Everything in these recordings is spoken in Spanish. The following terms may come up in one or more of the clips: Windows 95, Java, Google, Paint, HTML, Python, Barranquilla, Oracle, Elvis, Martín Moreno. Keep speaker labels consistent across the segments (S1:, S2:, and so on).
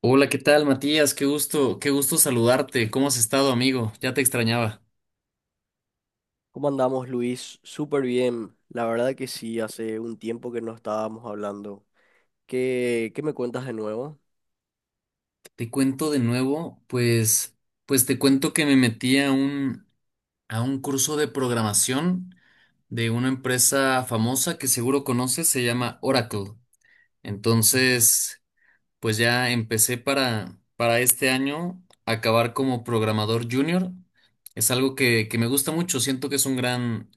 S1: Hola, ¿qué tal, Matías? Qué gusto saludarte. ¿Cómo has estado, amigo? Ya te extrañaba.
S2: ¿Cómo andamos, Luis? Súper bien. La verdad que sí, hace un tiempo que no estábamos hablando. ¿Qué me cuentas de nuevo?
S1: Te cuento de nuevo, pues te cuento que me metí a un, curso de programación de una empresa famosa que seguro conoces, se llama Oracle. Entonces, pues ya empecé para este año a acabar como programador junior. Es algo que me gusta mucho, siento que es un gran,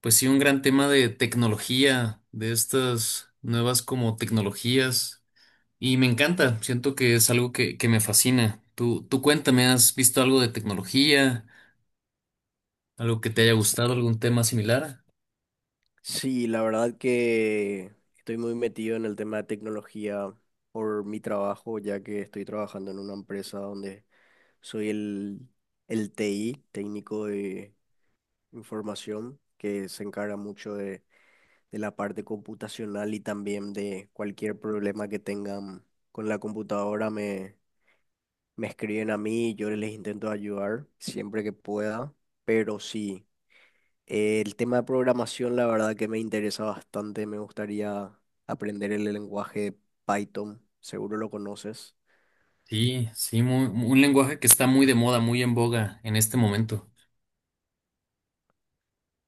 S1: pues sí, un gran tema de tecnología, de estas nuevas como tecnologías. Y me encanta, siento que es algo que me fascina. Tú cuéntame, ¿has visto algo de tecnología? ¿Algo que te haya gustado? ¿Algún tema similar?
S2: Sí, la verdad que estoy muy metido en el tema de tecnología por mi trabajo, ya que estoy trabajando en una empresa donde soy el TI, técnico de información, que se encarga mucho de la parte computacional y también de cualquier problema que tengan con la computadora. Me escriben a mí, yo les intento ayudar siempre que pueda, pero sí, el tema de programación la verdad que me interesa bastante, me gustaría aprender el lenguaje Python, seguro lo conoces.
S1: Sí, sí, un lenguaje que está muy de moda, muy en boga en este momento.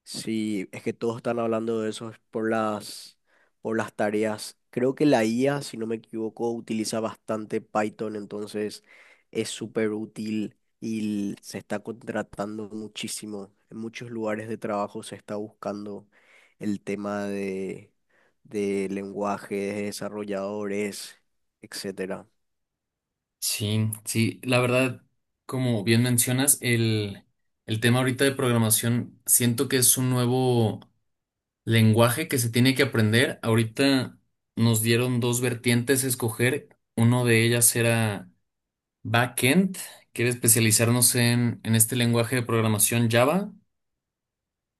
S2: Sí, es que todos están hablando de eso, es por las tareas. Creo que la IA, si no me equivoco, utiliza bastante Python, entonces es súper útil y se está contratando muchísimo. En muchos lugares de trabajo se está buscando el tema de lenguajes, de desarrolladores, etcétera.
S1: Sí, sí, la verdad, como bien mencionas, el, tema ahorita de programación, siento que es un nuevo lenguaje que se tiene que aprender. Ahorita nos dieron dos vertientes a escoger. Uno de ellas era backend, que era especializarnos en, este lenguaje de programación Java,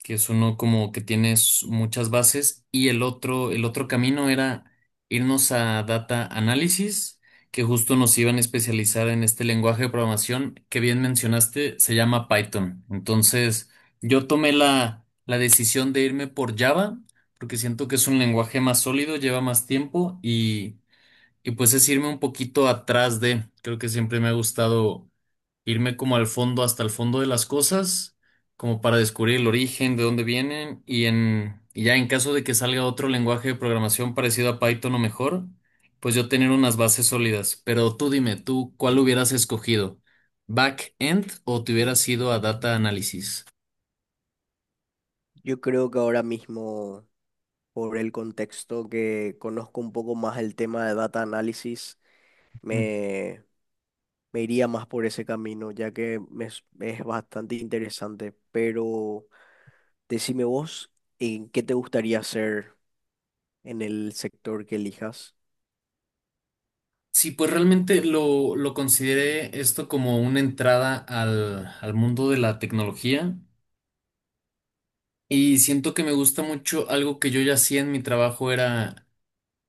S1: que es uno como que tienes muchas bases, y el otro camino era irnos a data análisis, que justo nos iban a especializar en este lenguaje de programación que bien mencionaste, se llama Python. Entonces, yo tomé la decisión de irme por Java, porque siento que es un lenguaje más sólido, lleva más tiempo, y pues es irme un poquito atrás de, creo que siempre me ha gustado irme como al fondo, hasta el fondo de las cosas, como para descubrir el origen, de dónde vienen, y ya, en caso de que salga otro lenguaje de programación parecido a Python o mejor, pues yo tener unas bases sólidas. Pero tú dime, ¿tú cuál hubieras escogido? ¿Back-end o te hubieras ido a data análisis?
S2: Yo creo que ahora mismo, por el contexto, que conozco un poco más el tema de data análisis,
S1: Mm.
S2: me me iría más por ese camino, ya que me es bastante interesante. Pero decime vos, ¿en qué te gustaría hacer en el sector que elijas?
S1: Sí, pues realmente lo, consideré esto como una entrada al mundo de la tecnología, y siento que me gusta mucho algo que yo ya hacía en mi trabajo, era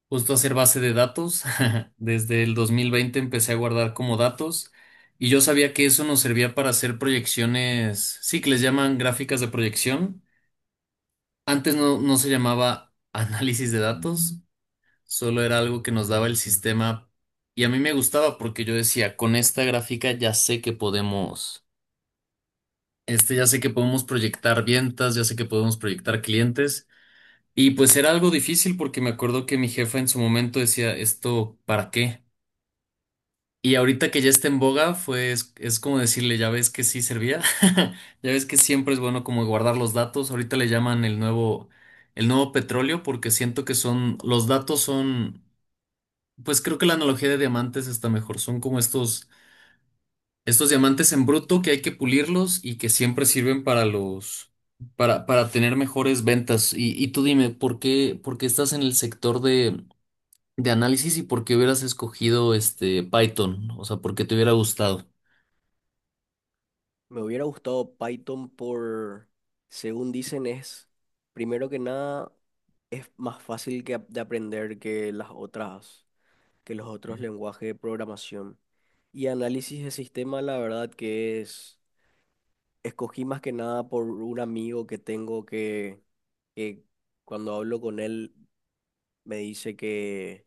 S1: justo hacer base de datos. Desde el 2020 empecé a guardar como datos, y yo sabía que eso nos servía para hacer proyecciones, sí, que les llaman gráficas de proyección. Antes no, no se llamaba análisis de datos, solo era algo que nos daba el sistema, y a mí me gustaba porque yo decía, con esta gráfica ya sé que podemos, ya sé que podemos proyectar ventas, ya sé que podemos proyectar clientes. Y pues era algo difícil, porque me acuerdo que mi jefa en su momento decía, ¿esto para qué? Y ahorita que ya está en boga, es como decirle, ya ves que sí servía, ya ves que siempre es bueno como guardar los datos, ahorita le llaman el nuevo, petróleo, porque siento que son, los datos pues creo que la analogía de diamantes está mejor, son como estos diamantes en bruto que hay que pulirlos y que siempre sirven para los, para tener mejores ventas. Y tú dime, ¿por qué, estás en el sector de análisis y por qué hubieras escogido este Python? O sea, ¿por qué te hubiera gustado?
S2: Me hubiera gustado Python por, según dicen, es, primero que nada, es más fácil de aprender que las otras, que los otros lenguajes de programación. Y análisis de sistema, la verdad que es, escogí más que nada por un amigo que tengo que cuando hablo con él me dice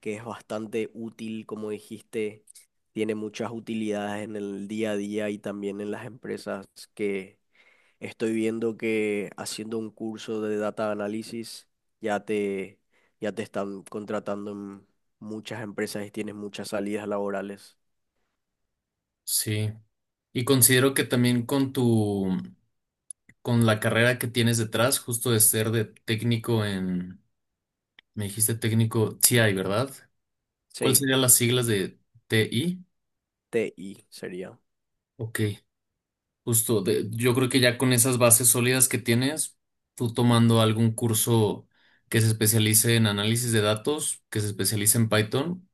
S2: que es bastante útil, como dijiste, tiene muchas utilidades en el día a día y también en las empresas, que estoy viendo que haciendo un curso de data análisis ya te, ya te están contratando en muchas empresas y tienes muchas salidas laborales.
S1: Sí, y considero que también con tu, con la carrera que tienes detrás, justo de ser de técnico en, me dijiste técnico TI, ¿verdad? ¿Cuáles
S2: Sí,
S1: serían las siglas de TI?
S2: TI sería.
S1: Ok, justo, yo creo que ya con esas bases sólidas que tienes, tú tomando algún curso que se especialice en análisis de datos, que se especialice en Python,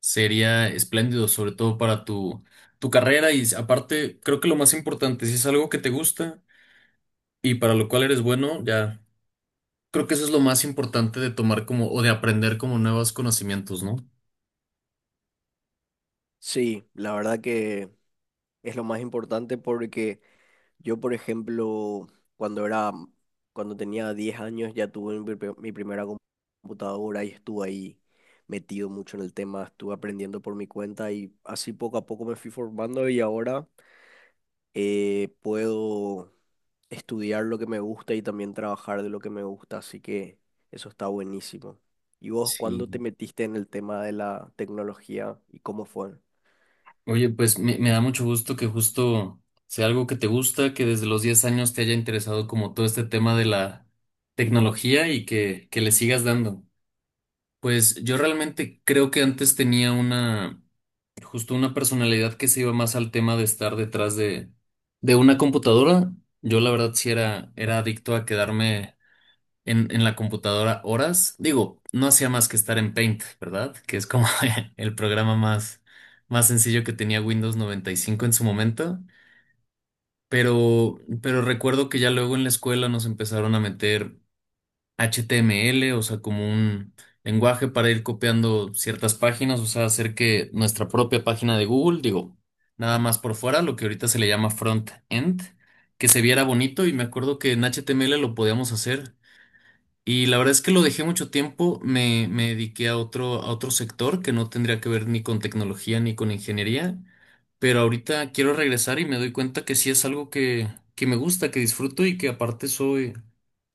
S1: sería espléndido, sobre todo para tu, carrera, y aparte, creo que lo más importante, si es algo que te gusta y para lo cual eres bueno, ya. Creo que eso es lo más importante de tomar como, o de aprender como, nuevos conocimientos, ¿no?
S2: Sí, la verdad que... es lo más importante porque yo, por ejemplo, cuando era, cuando tenía 10 años ya tuve mi primera computadora y estuve ahí metido mucho en el tema, estuve aprendiendo por mi cuenta y así poco a poco me fui formando y ahora puedo estudiar lo que me gusta y también trabajar de lo que me gusta, así que eso está buenísimo. ¿Y vos cuándo te
S1: Sí.
S2: metiste en el tema de la tecnología y cómo fue?
S1: Oye, pues me, da mucho gusto que justo sea algo que te gusta, que desde los 10 años te haya interesado como todo este tema de la tecnología, y que, le sigas dando. Pues yo realmente creo que antes tenía una, justo una personalidad que se iba más al tema de estar detrás de, una computadora. Yo la verdad sí era, adicto a quedarme en la computadora horas. Digo, no hacía más que estar en Paint, ¿verdad? Que es como el programa más sencillo que tenía Windows 95 en su momento. Pero recuerdo que ya luego en la escuela nos empezaron a meter HTML, o sea, como un lenguaje para ir copiando ciertas páginas, o sea, hacer que nuestra propia página de Google, digo, nada más por fuera, lo que ahorita se le llama front-end, que se viera bonito, y me acuerdo que en HTML lo podíamos hacer. Y la verdad es que lo dejé mucho tiempo, me, dediqué a otro sector que no tendría que ver ni con tecnología ni con ingeniería, pero ahorita quiero regresar y me doy cuenta que sí es algo que, me gusta, que disfruto, y que aparte soy,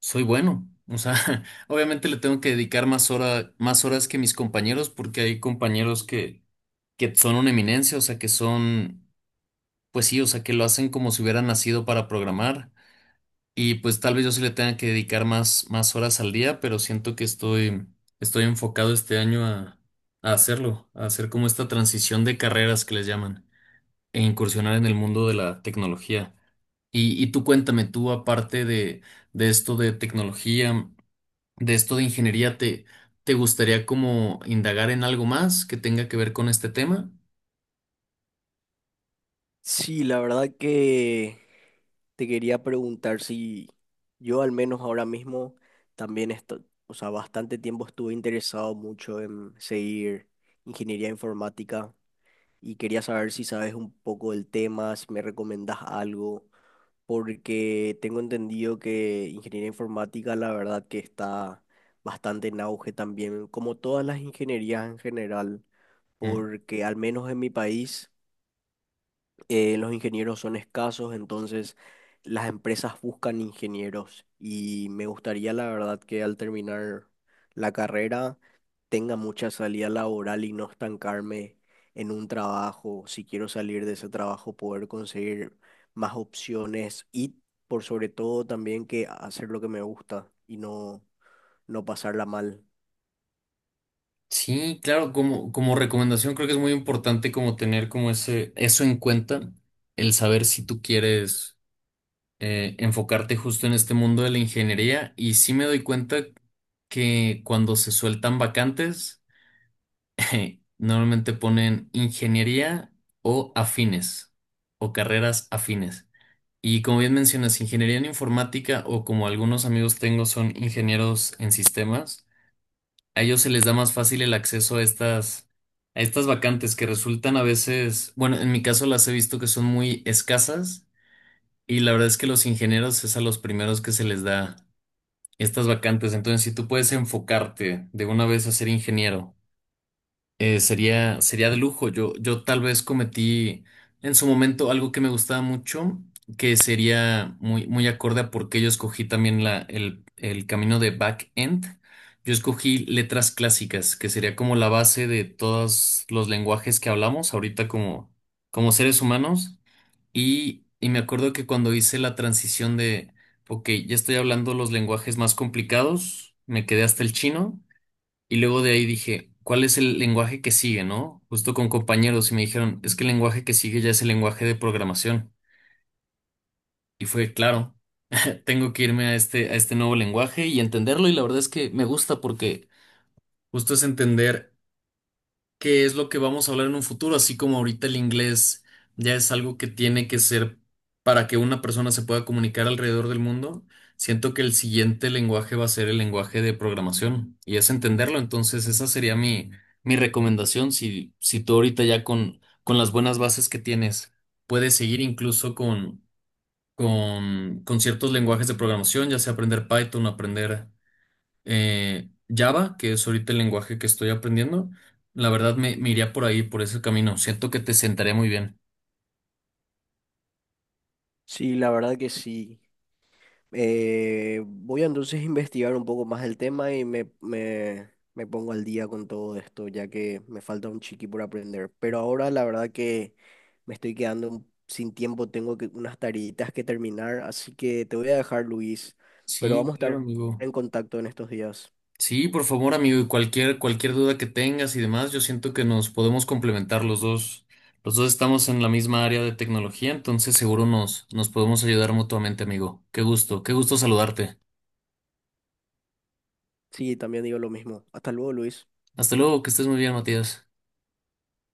S1: soy bueno. O sea, obviamente le tengo que dedicar más horas que mis compañeros, porque hay compañeros que son una eminencia, o sea, pues sí, o sea, que lo hacen como si hubieran nacido para programar. Y pues tal vez yo sí le tenga que dedicar más, horas al día, pero siento que estoy, enfocado este año a hacerlo, a hacer como esta transición de carreras que les llaman, e incursionar en el mundo de la tecnología. Y tú cuéntame, tú aparte de, esto de tecnología, de esto de ingeniería, ¿te gustaría como indagar en algo más que tenga que ver con este tema?
S2: Sí, la verdad que te quería preguntar si yo, al menos ahora mismo, también estoy, o sea, bastante tiempo estuve interesado mucho en seguir ingeniería informática y quería saber si sabes un poco del tema, si me recomendás algo, porque tengo entendido que ingeniería informática la verdad que está bastante en auge también, como todas las ingenierías en general,
S1: Mm.
S2: porque al menos en mi país los ingenieros son escasos, entonces las empresas buscan ingenieros y me gustaría la verdad que al terminar la carrera tenga mucha salida laboral y no estancarme en un trabajo. Si quiero salir de ese trabajo, poder conseguir más opciones y por sobre todo también que hacer lo que me gusta y no, no pasarla mal.
S1: Sí, claro, como, recomendación, creo que es muy importante como tener como eso en cuenta, el saber si tú quieres enfocarte justo en este mundo de la ingeniería, y sí me doy cuenta que cuando se sueltan vacantes, normalmente ponen ingeniería o afines, o carreras afines. Y como bien mencionas, ingeniería en informática, o como algunos amigos tengo son ingenieros en sistemas, a ellos se les da más fácil el acceso a estas, vacantes, que resultan a veces, bueno, en mi caso las he visto que son muy escasas, y la verdad es que los ingenieros es a los primeros que se les da estas vacantes. Entonces, si tú puedes enfocarte de una vez a ser ingeniero, sería de lujo. Yo tal vez cometí en su momento algo que me gustaba mucho, que sería muy, muy acorde a por qué yo escogí también el camino de back-end. Yo escogí letras clásicas, que sería como la base de todos los lenguajes que hablamos ahorita como seres humanos. Y me acuerdo que cuando hice la transición de, ok, ya estoy hablando los lenguajes más complicados, me quedé hasta el chino. Y luego de ahí dije, ¿cuál es el lenguaje que sigue, no? Justo con compañeros, y me dijeron, es que el lenguaje que sigue ya es el lenguaje de programación. Y fue, claro, tengo que irme a este nuevo lenguaje, y entenderlo. Y la verdad es que me gusta porque justo es entender que es lo que vamos a hablar en un futuro, así como ahorita el inglés ya es algo que tiene que ser para que una persona se pueda comunicar alrededor del mundo. Siento que el siguiente lenguaje va a ser el lenguaje de programación, y es entenderlo. Entonces, esa sería mi, recomendación. Si tú ahorita ya con las buenas bases que tienes puedes seguir incluso con ciertos lenguajes de programación, ya sea aprender Python, aprender Java, que es ahorita el lenguaje que estoy aprendiendo, la verdad me, iría por ahí, por ese camino. Siento que te sentaré muy bien.
S2: Sí, la verdad que sí. Voy a entonces investigar un poco más el tema y me pongo al día con todo esto, ya que me falta un chiqui por aprender. Pero ahora la verdad que me estoy quedando sin tiempo, tengo que, unas tareitas que terminar, así que te voy a dejar, Luis, pero
S1: Sí,
S2: vamos a
S1: claro,
S2: estar
S1: amigo.
S2: en contacto en estos días.
S1: Sí, por favor, amigo, y cualquier duda que tengas y demás, yo siento que nos podemos complementar los dos. Los dos estamos en la misma área de tecnología, entonces seguro nos, podemos ayudar mutuamente, amigo. Qué gusto saludarte.
S2: Sí, también digo lo mismo. Hasta luego, Luis.
S1: Hasta luego, que estés muy bien, Matías.